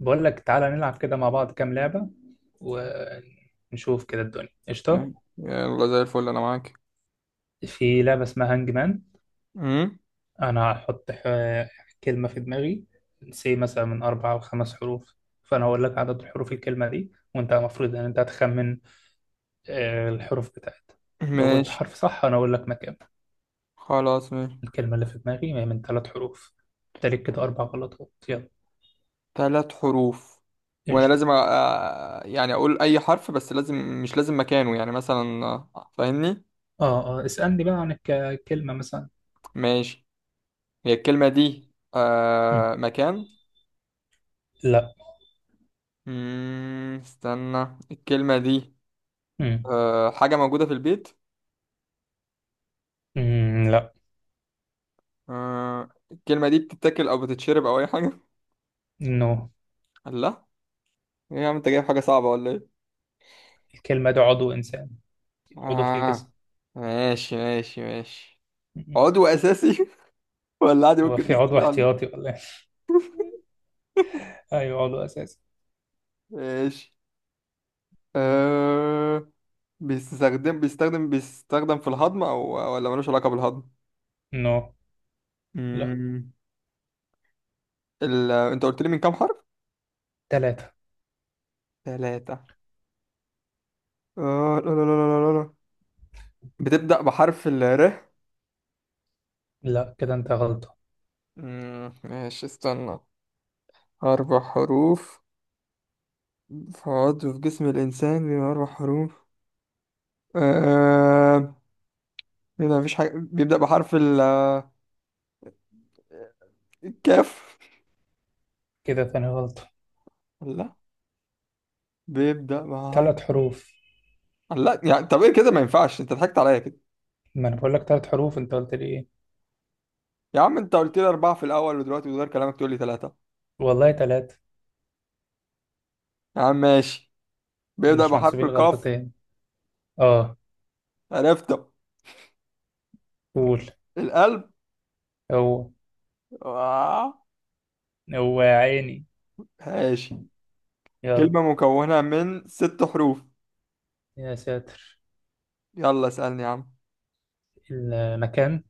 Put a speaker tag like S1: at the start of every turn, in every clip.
S1: بقول لك تعالى نلعب كده مع بعض كام لعبة، ونشوف كده الدنيا قشطة.
S2: أي. يلا زي الفل انا معاك.
S1: في لعبة اسمها هانج مان.
S2: امم
S1: أنا هحط كلمة في دماغي. سي مثلا من 4 أو 5 حروف. فأنا هقول لك عدد حروف الكلمة دي، وأنت المفروض إن أنت هتخمن الحروف بتاعتها. لو قلت
S2: ماشي.
S1: حرف صح أنا أقول لك مكان.
S2: خلاص، ماشي.
S1: الكلمة اللي في دماغي هي من 3 حروف. تالت كده 4 غلطات، يلا.
S2: ثلاث حروف. وانا
S1: قشطة.
S2: لازم يعني اقول اي حرف، بس لازم، مش لازم مكانه، يعني مثلا آه، فاهمني؟
S1: آه آه، اسألني بقى عن الكلمة مثلا.
S2: ماشي. هي الكلمة دي
S1: مم.
S2: آه مكان؟
S1: لا.
S2: استنى، الكلمة دي
S1: مم.
S2: آه حاجة موجودة في البيت؟
S1: مم، لا.
S2: آه الكلمة دي بتتاكل او بتتشرب او اي حاجة؟
S1: نو.
S2: لا. ايه يا عم، انت جايب حاجة صعبة ولا ايه؟
S1: الكلمة ده عضو إنسان. عضو في الجسم.
S2: آه، ماشي ماشي ماشي. عضو أساسي ولا عادي
S1: هو
S2: ممكن
S1: في عضو
S2: نستغنى عنه؟
S1: احتياطي ولا إيه؟ أيوة، عضو أساسي.
S2: ماشي. أه... بيستخدم في الهضم او ولا ملوش علاقة بالهضم؟
S1: نو. لا.
S2: مم. انت قلت لي من كام حرف؟
S1: 3.
S2: ثلاثة. آه، لا لا لا لا لا لا. بتبدأ بحرف ال ر.
S1: لا كده أنت غلطة.
S2: ماشي، استنى. أربع حروف. في عضو في جسم الإنسان بيبقى أربع حروف؟ آه... هنا مفيش حاجة بيبدأ بحرف ال الكاف.
S1: كده ثاني غلطة.
S2: لا، بيبدأ بحرف.
S1: 3 حروف.
S2: لا يعني، طب ايه كده، ما ينفعش، انت ضحكت عليا كده.
S1: ما أنا بقول لك 3 حروف، أنت قلت لي إيه؟
S2: يا عم، انت قلت لي اربعه في الاول ودلوقتي بتغير كلامك تقول لي ثلاثه.
S1: والله 3.
S2: يا عم ماشي. بيبدا
S1: مش
S2: بحرف
S1: محسوبين
S2: القاف.
S1: غلطتين. آه.
S2: عرفته.
S1: قول.
S2: القلب.
S1: هو.
S2: آه.
S1: هو يا عيني.
S2: ماشي.
S1: يلا.
S2: كلمه مكونه من ست حروف.
S1: يا ساتر.
S2: يلا اسالني يا عم.
S1: المكان.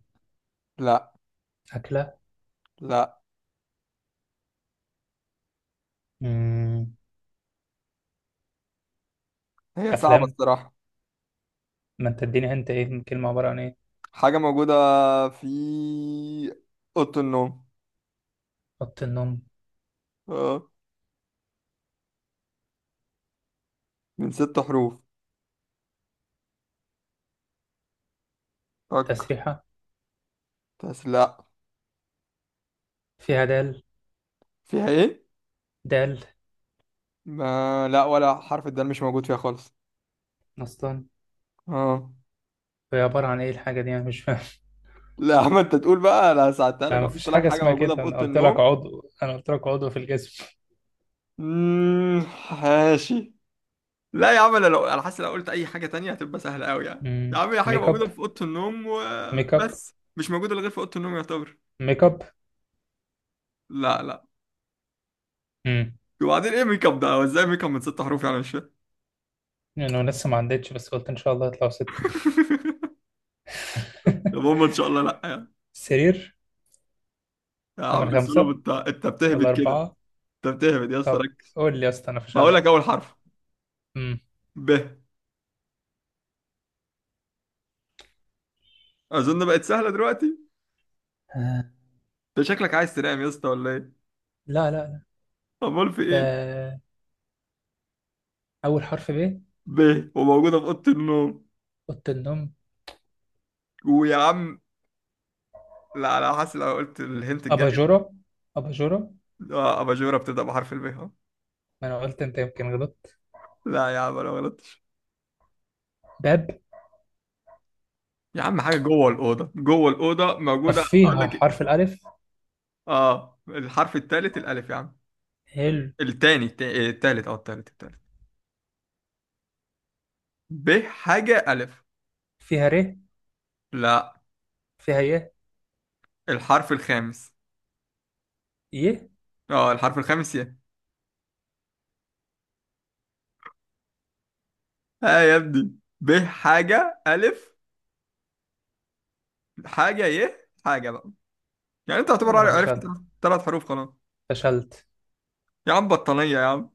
S2: لا.
S1: أكلة.
S2: لا.
S1: مم.
S2: هي صعبه
S1: أفلام.
S2: الصراحه.
S1: ما أنت اديني، أنت إيه الكلمة عبارة عن إيه؟
S2: حاجه موجوده في اوضه النوم.
S1: أوضة النوم.
S2: اه، من ست حروف. فك،
S1: تسريحة.
S2: بس لا.
S1: فيها دال.
S2: فيها ايه؟
S1: دال.
S2: ما لا، ولا حرف الدال مش موجود فيها خالص.
S1: اصلا.
S2: اه.
S1: هي عباره عن ايه الحاجه دي؟ انا مش فاهم.
S2: لا، ما انت تقول بقى، انا ساعدتها
S1: انا
S2: لك، قلت
S1: مفيش
S2: لك
S1: حاجه
S2: حاجه
S1: اسمها
S2: موجوده في
S1: كده، انا
S2: اوضه
S1: قلت لك
S2: النوم.
S1: عضو، انا قلت لك عضو في الجسم.
S2: امم، ماشي. لا يا عم، انا لو انا حاسس لو قلت اي حاجه تانية هتبقى سهله قوي، يعني يا عم هي حاجه
S1: ميك
S2: موجوده
S1: اب،
S2: في اوضه النوم
S1: ميك اب،
S2: وبس، مش موجوده إلا غير في اوضه النوم يعتبر.
S1: ميك اب.
S2: لا لا.
S1: امم
S2: وبعدين ايه ميك اب ده، هو ازاي ميك اب من ست حروف يعني، مش فاهم.
S1: انا لسه ما عدتش، بس قلت ان شاء الله يطلعوا 6.
S2: يا ماما ان شاء الله، لا يعني.
S1: سرير.
S2: يا
S1: تمن
S2: عم سلم،
S1: 5
S2: انت
S1: ولا
S2: بتهبد كده.
S1: 4.
S2: انت بتهبد يا اسطى،
S1: طب.
S2: ركز.
S1: قول لي يا اسطى أنا
S2: هقول لك
S1: فشلت.
S2: اول حرف.
S1: امم
S2: ب. اظن بقت سهله دلوقتي.
S1: آه.
S2: انت شكلك عايز تنام يا اسطى ولا ايه؟
S1: لا لا لا.
S2: امال في ايه؟
S1: ده أول حرف ب.
S2: ب، وموجودة في أوضة النوم.
S1: أوضة النوم.
S2: ويا عم، لا لا، حاسس لو قلت الهنت الجاي.
S1: أباجورة، أباجورة.
S2: آه، أباجورة بتبدأ بحرف الب أهو.
S1: ما أنا قلت أنت يمكن غلطت.
S2: لا يا عم، أنا ما غلطتش.
S1: باب.
S2: يا عم، حاجة جوه الأوضة جوه الأوضة
S1: طب
S2: موجودة، أقول
S1: فيها
S2: لك إيه؟
S1: حرف الألف.
S2: آه الحرف التالت الألف يا عم.
S1: حلو.
S2: التاني، إيه، التالت، التالت. ب حاجة ألف.
S1: فيها ر.
S2: لا.
S1: فيها ايه؟
S2: الحرف الخامس.
S1: ايه.
S2: أه، الحرف الخامس ي. ها يا ابني. ب حاجة ألف. حاجة ي. حاجة بقى. يعني أنت تعتبر
S1: انا
S2: عرفت.
S1: فشلت.
S2: ثلاث حروف خلاص.
S1: فشلت.
S2: يا عم بطانية يا عم.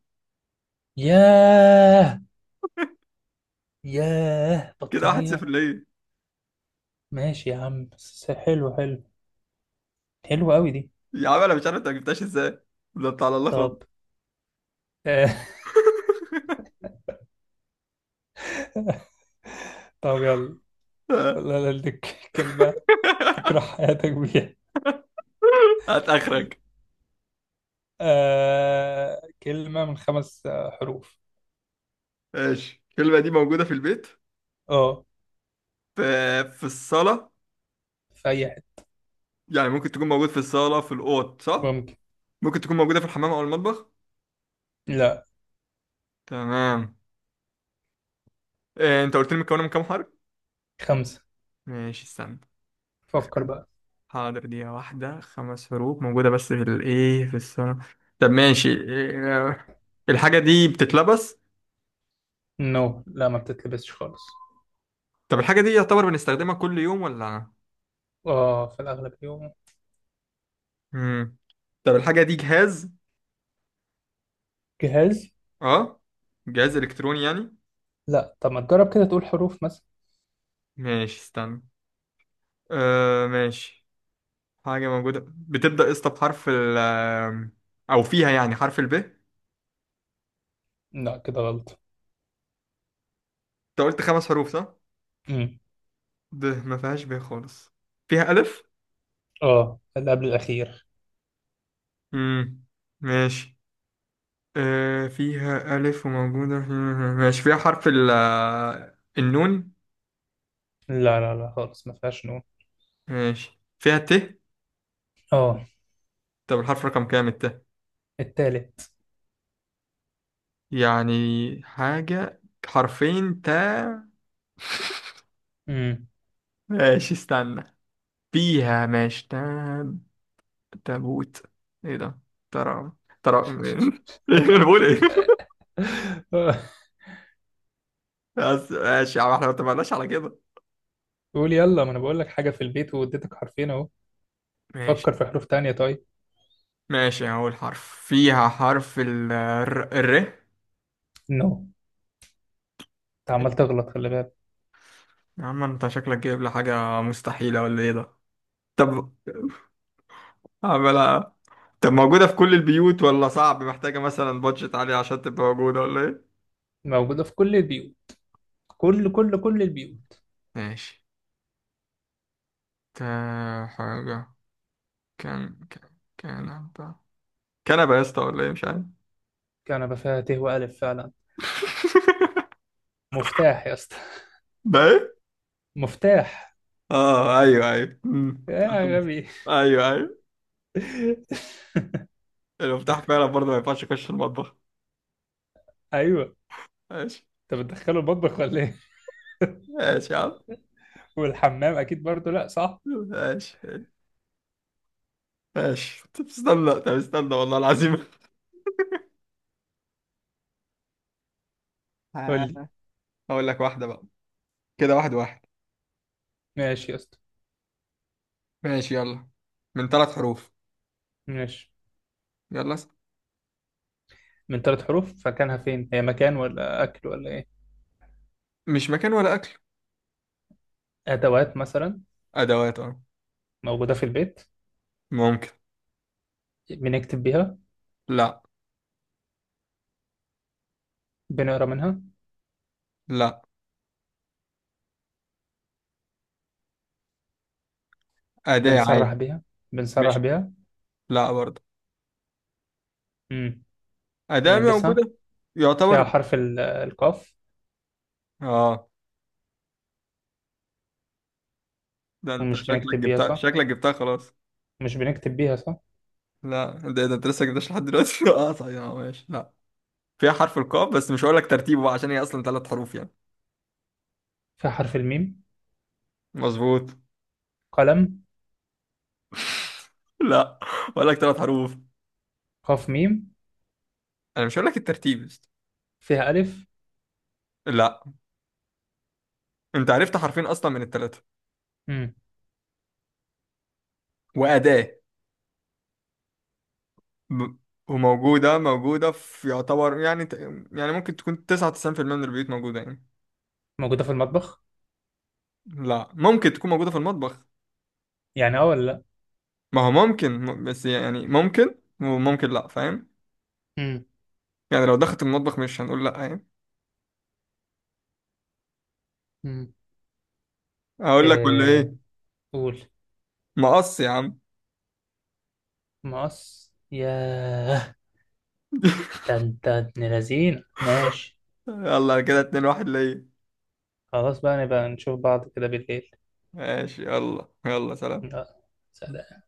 S1: ياه. ياه
S2: كده واحد صفر
S1: بطانية.
S2: ليه.
S1: ماشي يا عم، حلو حلو. حلو قوي دي.
S2: يا عم انا مش عارف انت ما جبتهاش ازاي. ده انت على الله
S1: طب.
S2: خالص.
S1: آه، طب يلا. لا. لا لك كلمة تكره حياتك بيها.
S2: هات اخرك.
S1: كلمة من 5 حروف.
S2: ماشي، الكلمة دي موجودة في البيت،
S1: اه.
S2: في، في الصالة.
S1: في أي حتة.
S2: يعني ممكن تكون موجودة في الصالة في الأوض، صح؟
S1: ممكن.
S2: ممكن تكون موجودة في الحمام أو المطبخ.
S1: لا.
S2: تمام. إيه أنت قلت لي مكونة من كام حرف؟
S1: 5.
S2: ماشي استنى.
S1: فكر
S2: خم-
S1: بقى.
S2: حاضر، دقيقة واحدة. خمس حروف موجودة بس في الإيه في الصالة. طب ماشي، إيه الحاجة دي، بتتلبس؟
S1: نو. لا، ما بتتلبسش خالص.
S2: طب الحاجة دي يعتبر بنستخدمها كل يوم ولا؟
S1: اه، في الأغلب يوم.
S2: مم. طب الحاجة دي جهاز.
S1: جهاز.
S2: اه، جهاز إلكتروني يعني.
S1: لا، طب ما تجرب كده تقول حروف مثلا.
S2: ماشي استنى. آه ماشي. حاجة موجودة بتبدأ اسطى بحرف ال، أو فيها يعني حرف الب، أنت
S1: لا كده غلط.
S2: قلت خمس حروف صح؟
S1: امم
S2: ب، ما فيهاش ب خالص. فيها ألف؟
S1: اه، اللي قبل الأخير.
S2: مم. ماشي. آه فيها ألف وموجودة في. ماشي فيها حرف ال آه، النون.
S1: لا لا لا خالص، ما فيهاش نون.
S2: ماشي فيها ت.
S1: اه.
S2: طب الحرف رقم كام الت؟
S1: التالت.
S2: يعني حاجة حرفين تا.
S1: امم
S2: ماشي استنى. فيها، ماشي، تاب. تابوت. ايه ده. ترى. ترى انا بقول ايه.
S1: آه،
S2: بس ماشي يا عم، احنا ما اتفقناش على كده.
S1: قول يلا. ما انا بقول لك حاجة في البيت، واديتك حرفين اهو.
S2: ماشي.
S1: فكر في حروف تانية طيب.
S2: ماشي اول حرف فيها حرف ال الر الر.
S1: نو. انت عمال تغلط، خلي بالك.
S2: يا عم انت شكلك جايب لي حاجة مستحيلة ولا ايه ده؟ طب عملها. طب موجودة في كل البيوت ولا صعب، محتاجة مثلا بادجت عالية عشان تبقى موجودة ولا ايه؟
S1: موجودة في كل البيوت. كل كل كل البيوت.
S2: ماشي. تا حاجة. كان. كنبة. كنبة يا اسطى ولا ايه، مش عارف.
S1: كنبة فيها ت وألف فعلا. مفتاح يا اسطى.
S2: ده ايه؟
S1: مفتاح.
S2: اه ايوه ايوه. مم.
S1: يا غبي.
S2: ايوه ايوه. المفتاح فعلا برضه ما ينفعش يخش المطبخ.
S1: ايوه.
S2: ماشي.
S1: انت بتدخله المطبخ ولا ايه؟
S2: ماشي يا عم.
S1: والحمام اكيد برضه لا، صح؟
S2: ماشي. ماشي طب استنى، طب استنى والله العظيم.
S1: قول
S2: آه،
S1: لي.
S2: هقول لك واحدة بقى. كده واحد واحد.
S1: ماشي يا اسطى.
S2: ماشي يلا. من ثلاث حروف.
S1: ماشي.
S2: يلا اسأل.
S1: من 3 حروف، فكانها فين؟ هي مكان ولا أكل ولا إيه؟
S2: مش مكان ولا أكل.
S1: أدوات مثلا.
S2: أدوات، أه.
S1: موجودة في البيت.
S2: ممكن.
S1: بنكتب بيها.
S2: لا.
S1: بنقرا منها.
S2: لا. أداة
S1: بنسرح
S2: عادي.
S1: بيها، بنسرح
S2: مش،
S1: بيها.
S2: لا برضه.
S1: امم
S2: أداة
S1: بنلبسها.
S2: موجودة.
S1: فيها
S2: يعتبر.
S1: حرف القاف.
S2: اه. ده انت
S1: ومش
S2: شكلك
S1: بنكتب بيها
S2: جبتها،
S1: صح؟
S2: شكلك جبتها خلاص.
S1: مش بنكتب بيها صح؟
S2: لا، ده انت لسه جبتش لحد دلوقتي. اه طيب اه ماشي لا. فيها حرف القاف، بس مش هقول لك ترتيبه بقى عشان هي اصلا ثلاث حروف يعني.
S1: فيها حرف الميم.
S2: مظبوط.
S1: قلم.
S2: لا. هقول لك ثلاث حروف.
S1: قاف ميم.
S2: انا مش هقول لك الترتيب يا اسطى.
S1: فيها ألف.
S2: لا. انت عرفت حرفين اصلا من الثلاثه.
S1: امم
S2: واداه. ب... وموجوده في يعتبر يعني يعني ممكن تكون 99% من البيوت موجوده يعني.
S1: موجودة في المطبخ.
S2: لا، ممكن تكون موجوده في المطبخ.
S1: يعني اه ولا لا؟
S2: ما هو ممكن بس يعني ممكن. وممكن لا، فاهم.
S1: امم
S2: يعني لو دخلت المطبخ مش هنقول لا يعني.
S1: امم
S2: هقول لك ولا
S1: إيه.
S2: ايه؟
S1: قول.
S2: مقص يا عم.
S1: مقص ياه. ده انت ابن لذينه، ماشي.
S2: يلا كده اتنين واحد ليا.
S1: خلاص بقى، نبقى نشوف بعض كده بالليل.
S2: ماشي يلا يلا سلام.
S1: يلا، سلام.